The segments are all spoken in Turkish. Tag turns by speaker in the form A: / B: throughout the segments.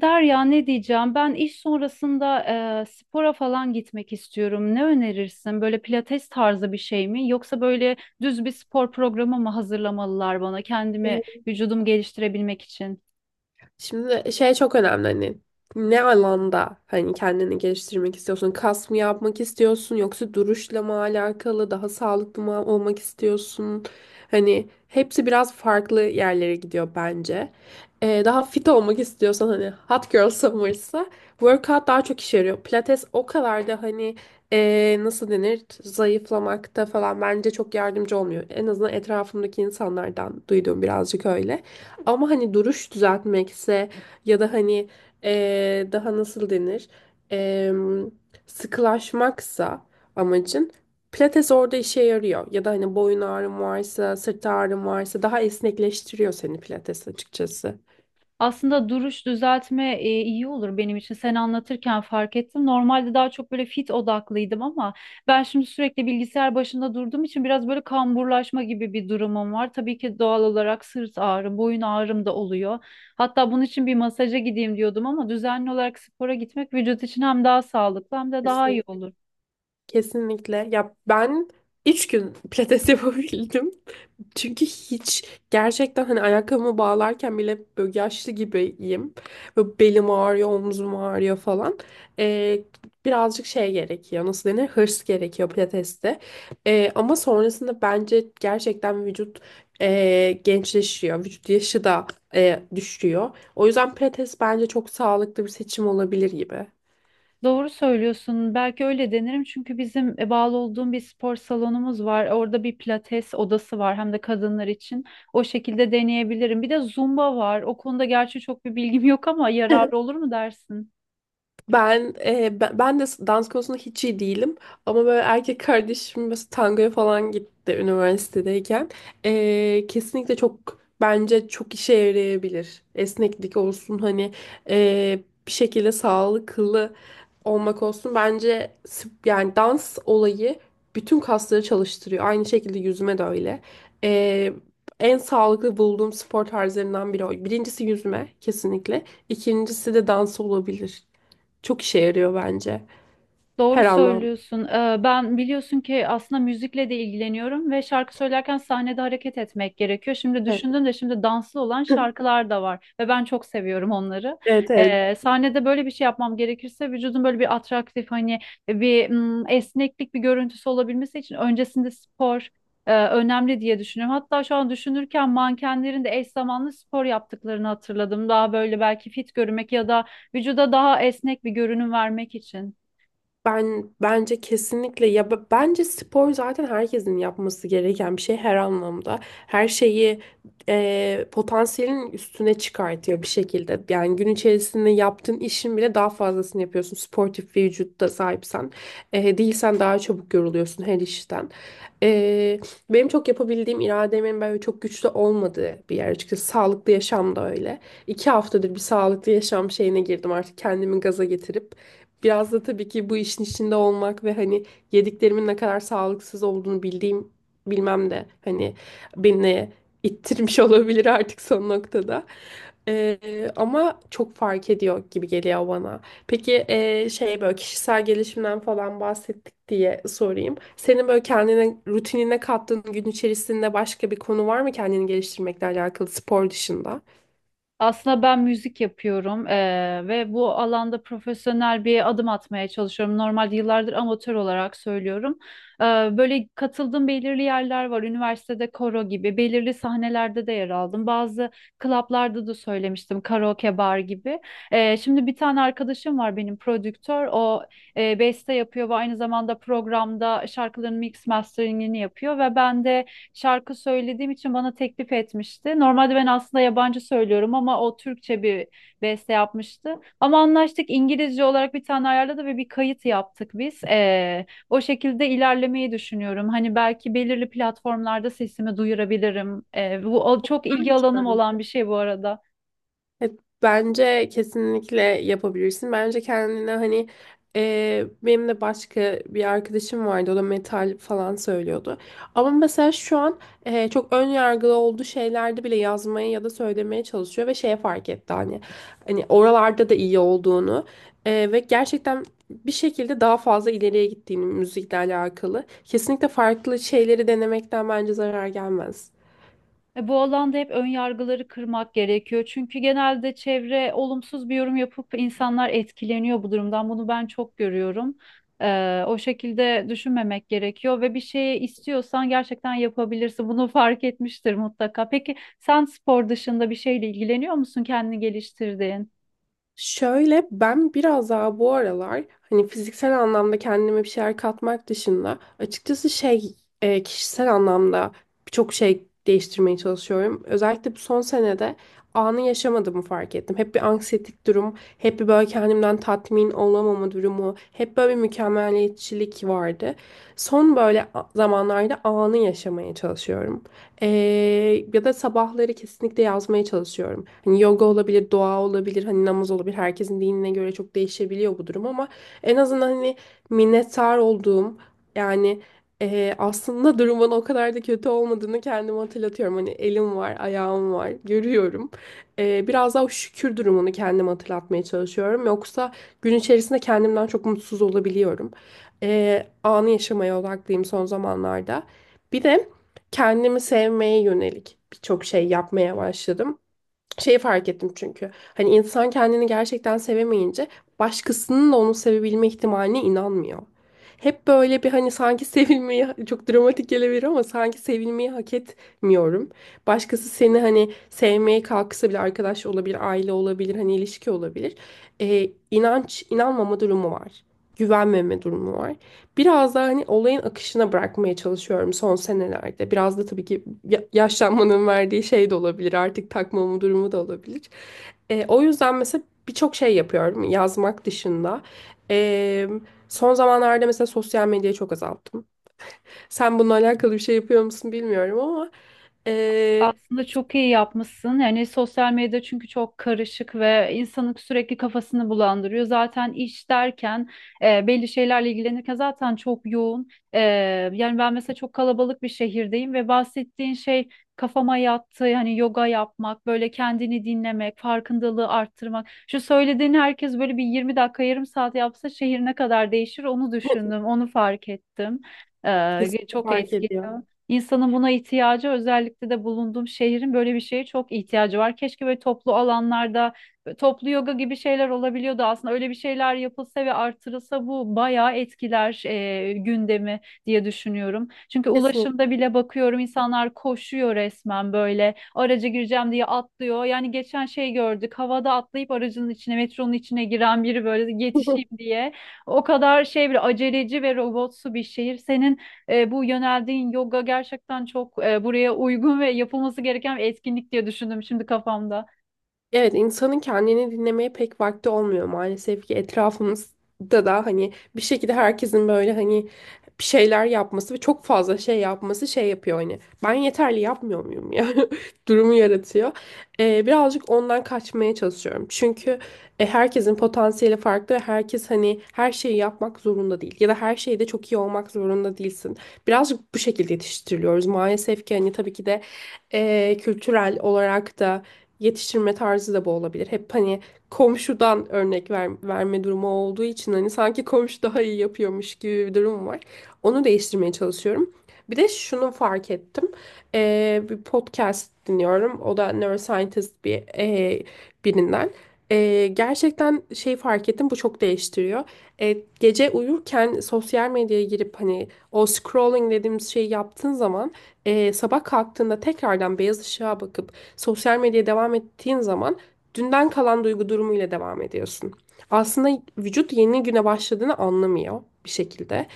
A: Derya ne diyeceğim? Ben iş sonrasında spora falan gitmek istiyorum. Ne önerirsin? Böyle pilates tarzı bir şey mi? Yoksa böyle düz bir spor programı mı hazırlamalılar bana kendimi,
B: Ee,
A: vücudumu geliştirebilmek için?
B: Şimdi şey çok önemli hani ne alanda hani kendini geliştirmek istiyorsun? Kas mı yapmak istiyorsun yoksa duruşla mı alakalı daha sağlıklı mı olmak istiyorsun? Hani hepsi biraz farklı yerlere gidiyor bence. Daha fit olmak istiyorsan hani hot girl summer'sa workout daha çok işe yarıyor. Pilates o kadar da hani nasıl denir zayıflamakta falan bence çok yardımcı olmuyor. En azından etrafımdaki insanlardan duyduğum birazcık öyle. Ama hani duruş düzeltmekse ya da hani daha nasıl denir? Eee, Sıkılaşmaksa amacın pilates orada işe yarıyor. Ya da hani boyun ağrın varsa, sırt ağrın varsa daha esnekleştiriyor seni pilates açıkçası.
A: Aslında duruş düzeltme iyi olur benim için. Sen anlatırken fark ettim. Normalde daha çok böyle fit odaklıydım ama ben şimdi sürekli bilgisayar başında durduğum için biraz böyle kamburlaşma gibi bir durumum var. Tabii ki doğal olarak sırt ağrım, boyun ağrım da oluyor. Hatta bunun için bir masaja gideyim diyordum ama düzenli olarak spora gitmek vücut için hem daha sağlıklı hem de daha iyi
B: Kesin-
A: olur.
B: Kesinlikle. Ya ben 3 gün pilates yapabildim. Çünkü hiç gerçekten hani ayakkabımı bağlarken bile böyle yaşlı gibiyim. Böyle belim ağrıyor, omzum ağrıyor falan. Ee, Birazcık şey gerekiyor. Nasıl denir? Hırs gerekiyor pilateste. Ama sonrasında bence gerçekten vücut gençleşiyor. Vücut yaşı da düşüyor. O yüzden pilates bence çok sağlıklı bir seçim olabilir gibi.
A: Doğru söylüyorsun. Belki öyle denerim çünkü bizim bağlı olduğum bir spor salonumuz var. Orada bir pilates odası var hem de kadınlar için. O şekilde deneyebilirim. Bir de zumba var. O konuda gerçi çok bir bilgim yok ama yararlı olur mu dersin?
B: Ben e, ben ben de dans konusunda hiç iyi değilim ama böyle erkek kardeşim mesela tangoya falan gitti üniversitedeyken. Kesinlikle bence çok işe yarayabilir esneklik olsun hani e, bir şekilde sağlıklı olmak olsun bence yani dans olayı bütün kasları çalıştırıyor, aynı şekilde yüzme de öyle. E, En sağlıklı bulduğum spor tarzlarından biri, o birincisi yüzme kesinlikle, ikincisi de dans olabilir. Çok işe yarıyor bence.
A: Doğru
B: Her anlamda.
A: söylüyorsun. Ben biliyorsun ki aslında müzikle de ilgileniyorum ve şarkı söylerken sahnede hareket etmek gerekiyor. Şimdi
B: Evet.
A: düşündüm de şimdi danslı olan şarkılar da var ve ben çok seviyorum onları.
B: Evet, evet.
A: Sahnede böyle bir şey yapmam gerekirse vücudun böyle bir atraktif hani bir esneklik bir görüntüsü olabilmesi için öncesinde spor önemli diye düşünüyorum. Hatta şu an düşünürken mankenlerin de eş zamanlı spor yaptıklarını hatırladım. Daha böyle belki fit görünmek ya da vücuda daha esnek bir görünüm vermek için.
B: Ben bence kesinlikle ya bence spor zaten herkesin yapması gereken bir şey her anlamda. Her şeyi potansiyelin üstüne çıkartıyor bir şekilde. Yani gün içerisinde yaptığın işin bile daha fazlasını yapıyorsun. Sportif bir vücutta sahipsen. Değilsen daha çabuk yoruluyorsun her işten. E, Benim çok yapabildiğim irademin böyle çok güçlü olmadığı bir yer açıkçası. Sağlıklı yaşam da öyle. 2 haftadır bir sağlıklı yaşam şeyine girdim artık kendimi gaza getirip. Biraz da tabii ki bu işin içinde olmak ve hani yediklerimin ne kadar sağlıksız olduğunu bildiğim bilmem de hani beni ittirmiş olabilir artık son noktada. Ama çok fark ediyor gibi geliyor bana. Peki şey böyle kişisel gelişimden falan bahsettik diye sorayım. Senin böyle kendine rutinine kattığın gün içerisinde başka bir konu var mı kendini geliştirmekle alakalı spor dışında?
A: Aslında ben müzik yapıyorum ve bu alanda profesyonel bir adım atmaya çalışıyorum. Normalde yıllardır amatör olarak söylüyorum. Böyle katıldığım belirli yerler var. Üniversitede koro gibi, belirli sahnelerde de yer aldım. Bazı klaplarda da söylemiştim, karaoke bar gibi. Şimdi bir tane arkadaşım var benim prodüktör. O beste yapıyor ve aynı zamanda programda şarkıların mix masteringini yapıyor ve ben de şarkı söylediğim için bana teklif etmişti. Normalde ben aslında yabancı söylüyorum ama o Türkçe bir beste yapmıştı. Ama anlaştık İngilizce olarak bir tane ayarladı ve bir kayıt yaptık biz. O şekilde ilerlemeyi düşünüyorum. Hani belki belirli platformlarda sesimi duyurabilirim. Bu çok ilgi alanım olan bir şey bu arada.
B: Evet, bence kesinlikle yapabilirsin. Bence kendine hani benim de başka bir arkadaşım vardı. O da metal falan söylüyordu. Ama mesela şu an çok ön yargılı olduğu şeylerde bile yazmaya ya da söylemeye çalışıyor ve şeye fark etti hani oralarda da iyi olduğunu ve gerçekten bir şekilde daha fazla ileriye gittiğini müzikle alakalı. Kesinlikle farklı şeyleri denemekten bence zarar gelmez.
A: Bu alanda hep ön yargıları kırmak gerekiyor. Çünkü genelde çevre olumsuz bir yorum yapıp insanlar etkileniyor bu durumdan. Bunu ben çok görüyorum. O şekilde düşünmemek gerekiyor ve bir şeyi istiyorsan gerçekten yapabilirsin. Bunu fark etmiştir mutlaka. Peki sen spor dışında bir şeyle ilgileniyor musun? Kendini geliştirdiğin?
B: Şöyle ben biraz daha bu aralar hani fiziksel anlamda kendime bir şeyler katmak dışında açıkçası şey kişisel anlamda birçok şey değiştirmeye çalışıyorum. Özellikle bu son senede anı yaşamadığımı fark ettim. Hep bir anksiyetik durum, hep bir böyle kendimden tatmin olamama durumu, hep böyle bir mükemmeliyetçilik vardı. Son böyle zamanlarda anı yaşamaya çalışıyorum. Ee, Ya da sabahları kesinlikle yazmaya çalışıyorum. Hani yoga olabilir, doğa olabilir, hani namaz olabilir. Herkesin dinine göre çok değişebiliyor bu durum ama en azından hani minnettar olduğum yani aslında durumun o kadar da kötü olmadığını kendime hatırlatıyorum. Hani elim var, ayağım var, görüyorum. Biraz daha o şükür durumunu kendime hatırlatmaya çalışıyorum. Yoksa gün içerisinde kendimden çok mutsuz olabiliyorum. Anı yaşamaya odaklıyım son zamanlarda. Bir de kendimi sevmeye yönelik birçok şey yapmaya başladım. Şeyi fark ettim çünkü. Hani insan kendini gerçekten sevemeyince başkasının da onu sevebilme ihtimaline inanmıyor. Hep böyle bir hani sanki sevilmeyi çok dramatik gelebilir ama sanki sevilmeyi hak etmiyorum. Başkası seni hani sevmeye kalksa bile arkadaş olabilir, aile olabilir, hani ilişki olabilir. İnanç, inanmama durumu var. Güvenmeme durumu var. Biraz da hani olayın akışına bırakmaya çalışıyorum son senelerde. Biraz da tabii ki yaşlanmanın verdiği şey de olabilir. Artık takmamı durumu da olabilir. O yüzden mesela birçok şey yapıyorum yazmak dışında. E, Son zamanlarda mesela sosyal medyayı çok azalttım. Sen bununla alakalı bir şey yapıyor musun bilmiyorum ama e,
A: Aslında çok iyi yapmışsın. Yani sosyal medya çünkü çok karışık ve insanın sürekli kafasını bulandırıyor. Zaten iş derken belli şeylerle ilgilenirken zaten çok yoğun. Yani ben mesela çok kalabalık bir şehirdeyim ve bahsettiğin şey kafama yattı. Yani yoga yapmak, böyle kendini dinlemek, farkındalığı arttırmak. Şu söylediğin herkes böyle bir 20 dakika, yarım saat yapsa şehir ne kadar değişir onu düşündüm, onu fark ettim.
B: kesinlikle
A: Çok
B: fark
A: etkili.
B: ediyor.
A: İnsanın buna ihtiyacı özellikle de bulunduğum şehrin böyle bir şeye çok ihtiyacı var. Keşke böyle toplu alanlarda böyle toplu yoga gibi şeyler olabiliyordu aslında. Öyle bir şeyler yapılsa ve artırılsa bu bayağı etkiler gündemi diye düşünüyorum. Çünkü ulaşımda
B: Kesinlikle.
A: bile bakıyorum insanlar koşuyor resmen böyle araca gireceğim diye atlıyor. Yani geçen şey gördük havada atlayıp aracın içine metronun içine giren biri böyle yetişeyim diye. O kadar şey bir aceleci ve robotsu bir şehir. Senin bu yöneldiğin yoga gerçekten çok buraya uygun ve yapılması gereken bir etkinlik diye düşündüm şimdi kafamda.
B: Evet, insanın kendini dinlemeye pek vakti olmuyor maalesef ki, etrafımızda da hani bir şekilde herkesin böyle hani bir şeyler yapması ve çok fazla şey yapması şey yapıyor hani ben yeterli yapmıyor muyum ya durumu yaratıyor. Birazcık ondan kaçmaya çalışıyorum çünkü herkesin potansiyeli farklı ve herkes hani her şeyi yapmak zorunda değil ya da her şeyde çok iyi olmak zorunda değilsin. Birazcık bu şekilde yetiştiriliyoruz maalesef ki hani tabii ki de kültürel olarak da yetiştirme tarzı da bu olabilir. Hep hani komşudan örnek verme durumu olduğu için hani sanki komşu daha iyi yapıyormuş gibi bir durum var. Onu değiştirmeye çalışıyorum. Bir de şunu fark ettim. Bir podcast dinliyorum. O da neuroscientist bir birinden. Gerçekten şey fark ettim, bu çok değiştiriyor. Ee, Gece uyurken sosyal medyaya girip hani o scrolling dediğimiz şeyi yaptığın zaman, sabah kalktığında tekrardan beyaz ışığa bakıp sosyal medyaya devam ettiğin zaman dünden kalan duygu durumuyla devam ediyorsun. Aslında vücut yeni güne başladığını anlamıyor bir şekilde.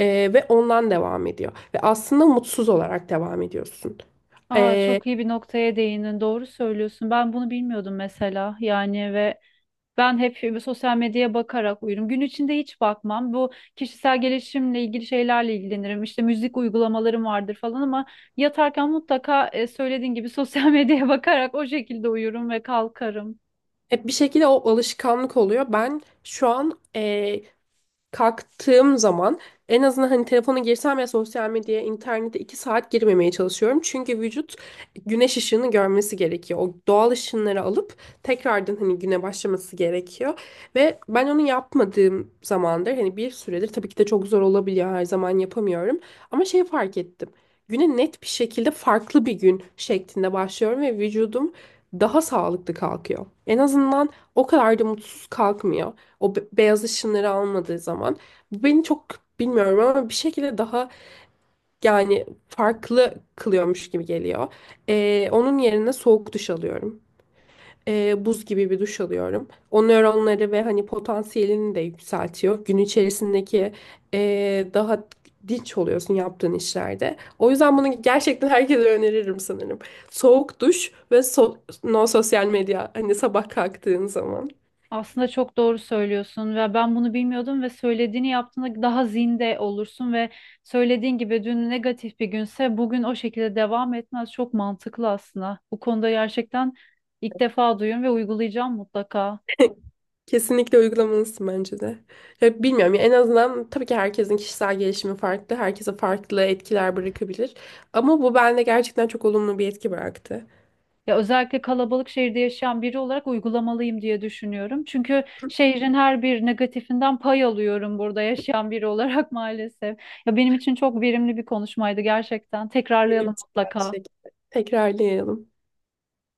B: Ve ondan devam ediyor ve aslında mutsuz olarak devam ediyorsun.
A: Aa,
B: Ee,
A: çok iyi bir noktaya değindin. Doğru söylüyorsun. Ben bunu bilmiyordum mesela. Yani ve ben hep sosyal medyaya bakarak uyurum. Gün içinde hiç bakmam. Bu kişisel gelişimle ilgili şeylerle ilgilenirim. İşte müzik uygulamalarım vardır falan ama yatarken mutlaka söylediğin gibi sosyal medyaya bakarak o şekilde uyurum ve kalkarım.
B: Hep bir şekilde o alışkanlık oluyor. Ben şu an kalktığım zaman en azından hani telefona girsem ya sosyal medyaya, internete 2 saat girmemeye çalışıyorum. Çünkü vücut güneş ışığını görmesi gerekiyor. O doğal ışınları alıp tekrardan hani güne başlaması gerekiyor. Ve ben onu yapmadığım zamandır hani bir süredir, tabii ki de çok zor olabiliyor, her zaman yapamıyorum. Ama şey fark ettim. Güne net bir şekilde farklı bir gün şeklinde başlıyorum ve vücudum daha sağlıklı kalkıyor. En azından o kadar da mutsuz kalkmıyor. O beyaz ışınları almadığı zaman. Bu beni çok bilmiyorum ama bir şekilde daha yani farklı kılıyormuş gibi geliyor. Onun yerine soğuk duş alıyorum. Buz gibi bir duş alıyorum. O nöronları ve hani potansiyelini de yükseltiyor. Gün içerisindeki daha dinç oluyorsun yaptığın işlerde. O yüzden bunu gerçekten herkese öneririm sanırım. Soğuk duş ve no sosyal medya hani sabah kalktığın zaman.
A: Aslında çok doğru söylüyorsun ve ben bunu bilmiyordum ve söylediğini yaptığında daha zinde olursun ve söylediğin gibi dün negatif bir günse bugün o şekilde devam etmez. Çok mantıklı aslında. Bu konuda gerçekten ilk defa duyuyorum ve uygulayacağım mutlaka.
B: Kesinlikle uygulamalısın bence de. Ya bilmiyorum ya en azından tabii ki herkesin kişisel gelişimi farklı. Herkese farklı etkiler bırakabilir. Ama bu bende gerçekten çok olumlu bir etki bıraktı.
A: Ya özellikle kalabalık şehirde yaşayan biri olarak uygulamalıyım diye düşünüyorum. Çünkü şehrin her bir negatifinden pay alıyorum burada yaşayan biri olarak maalesef. Ya benim için çok verimli bir konuşmaydı gerçekten.
B: Benim
A: Tekrarlayalım
B: için aynı
A: mutlaka.
B: şekilde. Tekrarlayalım.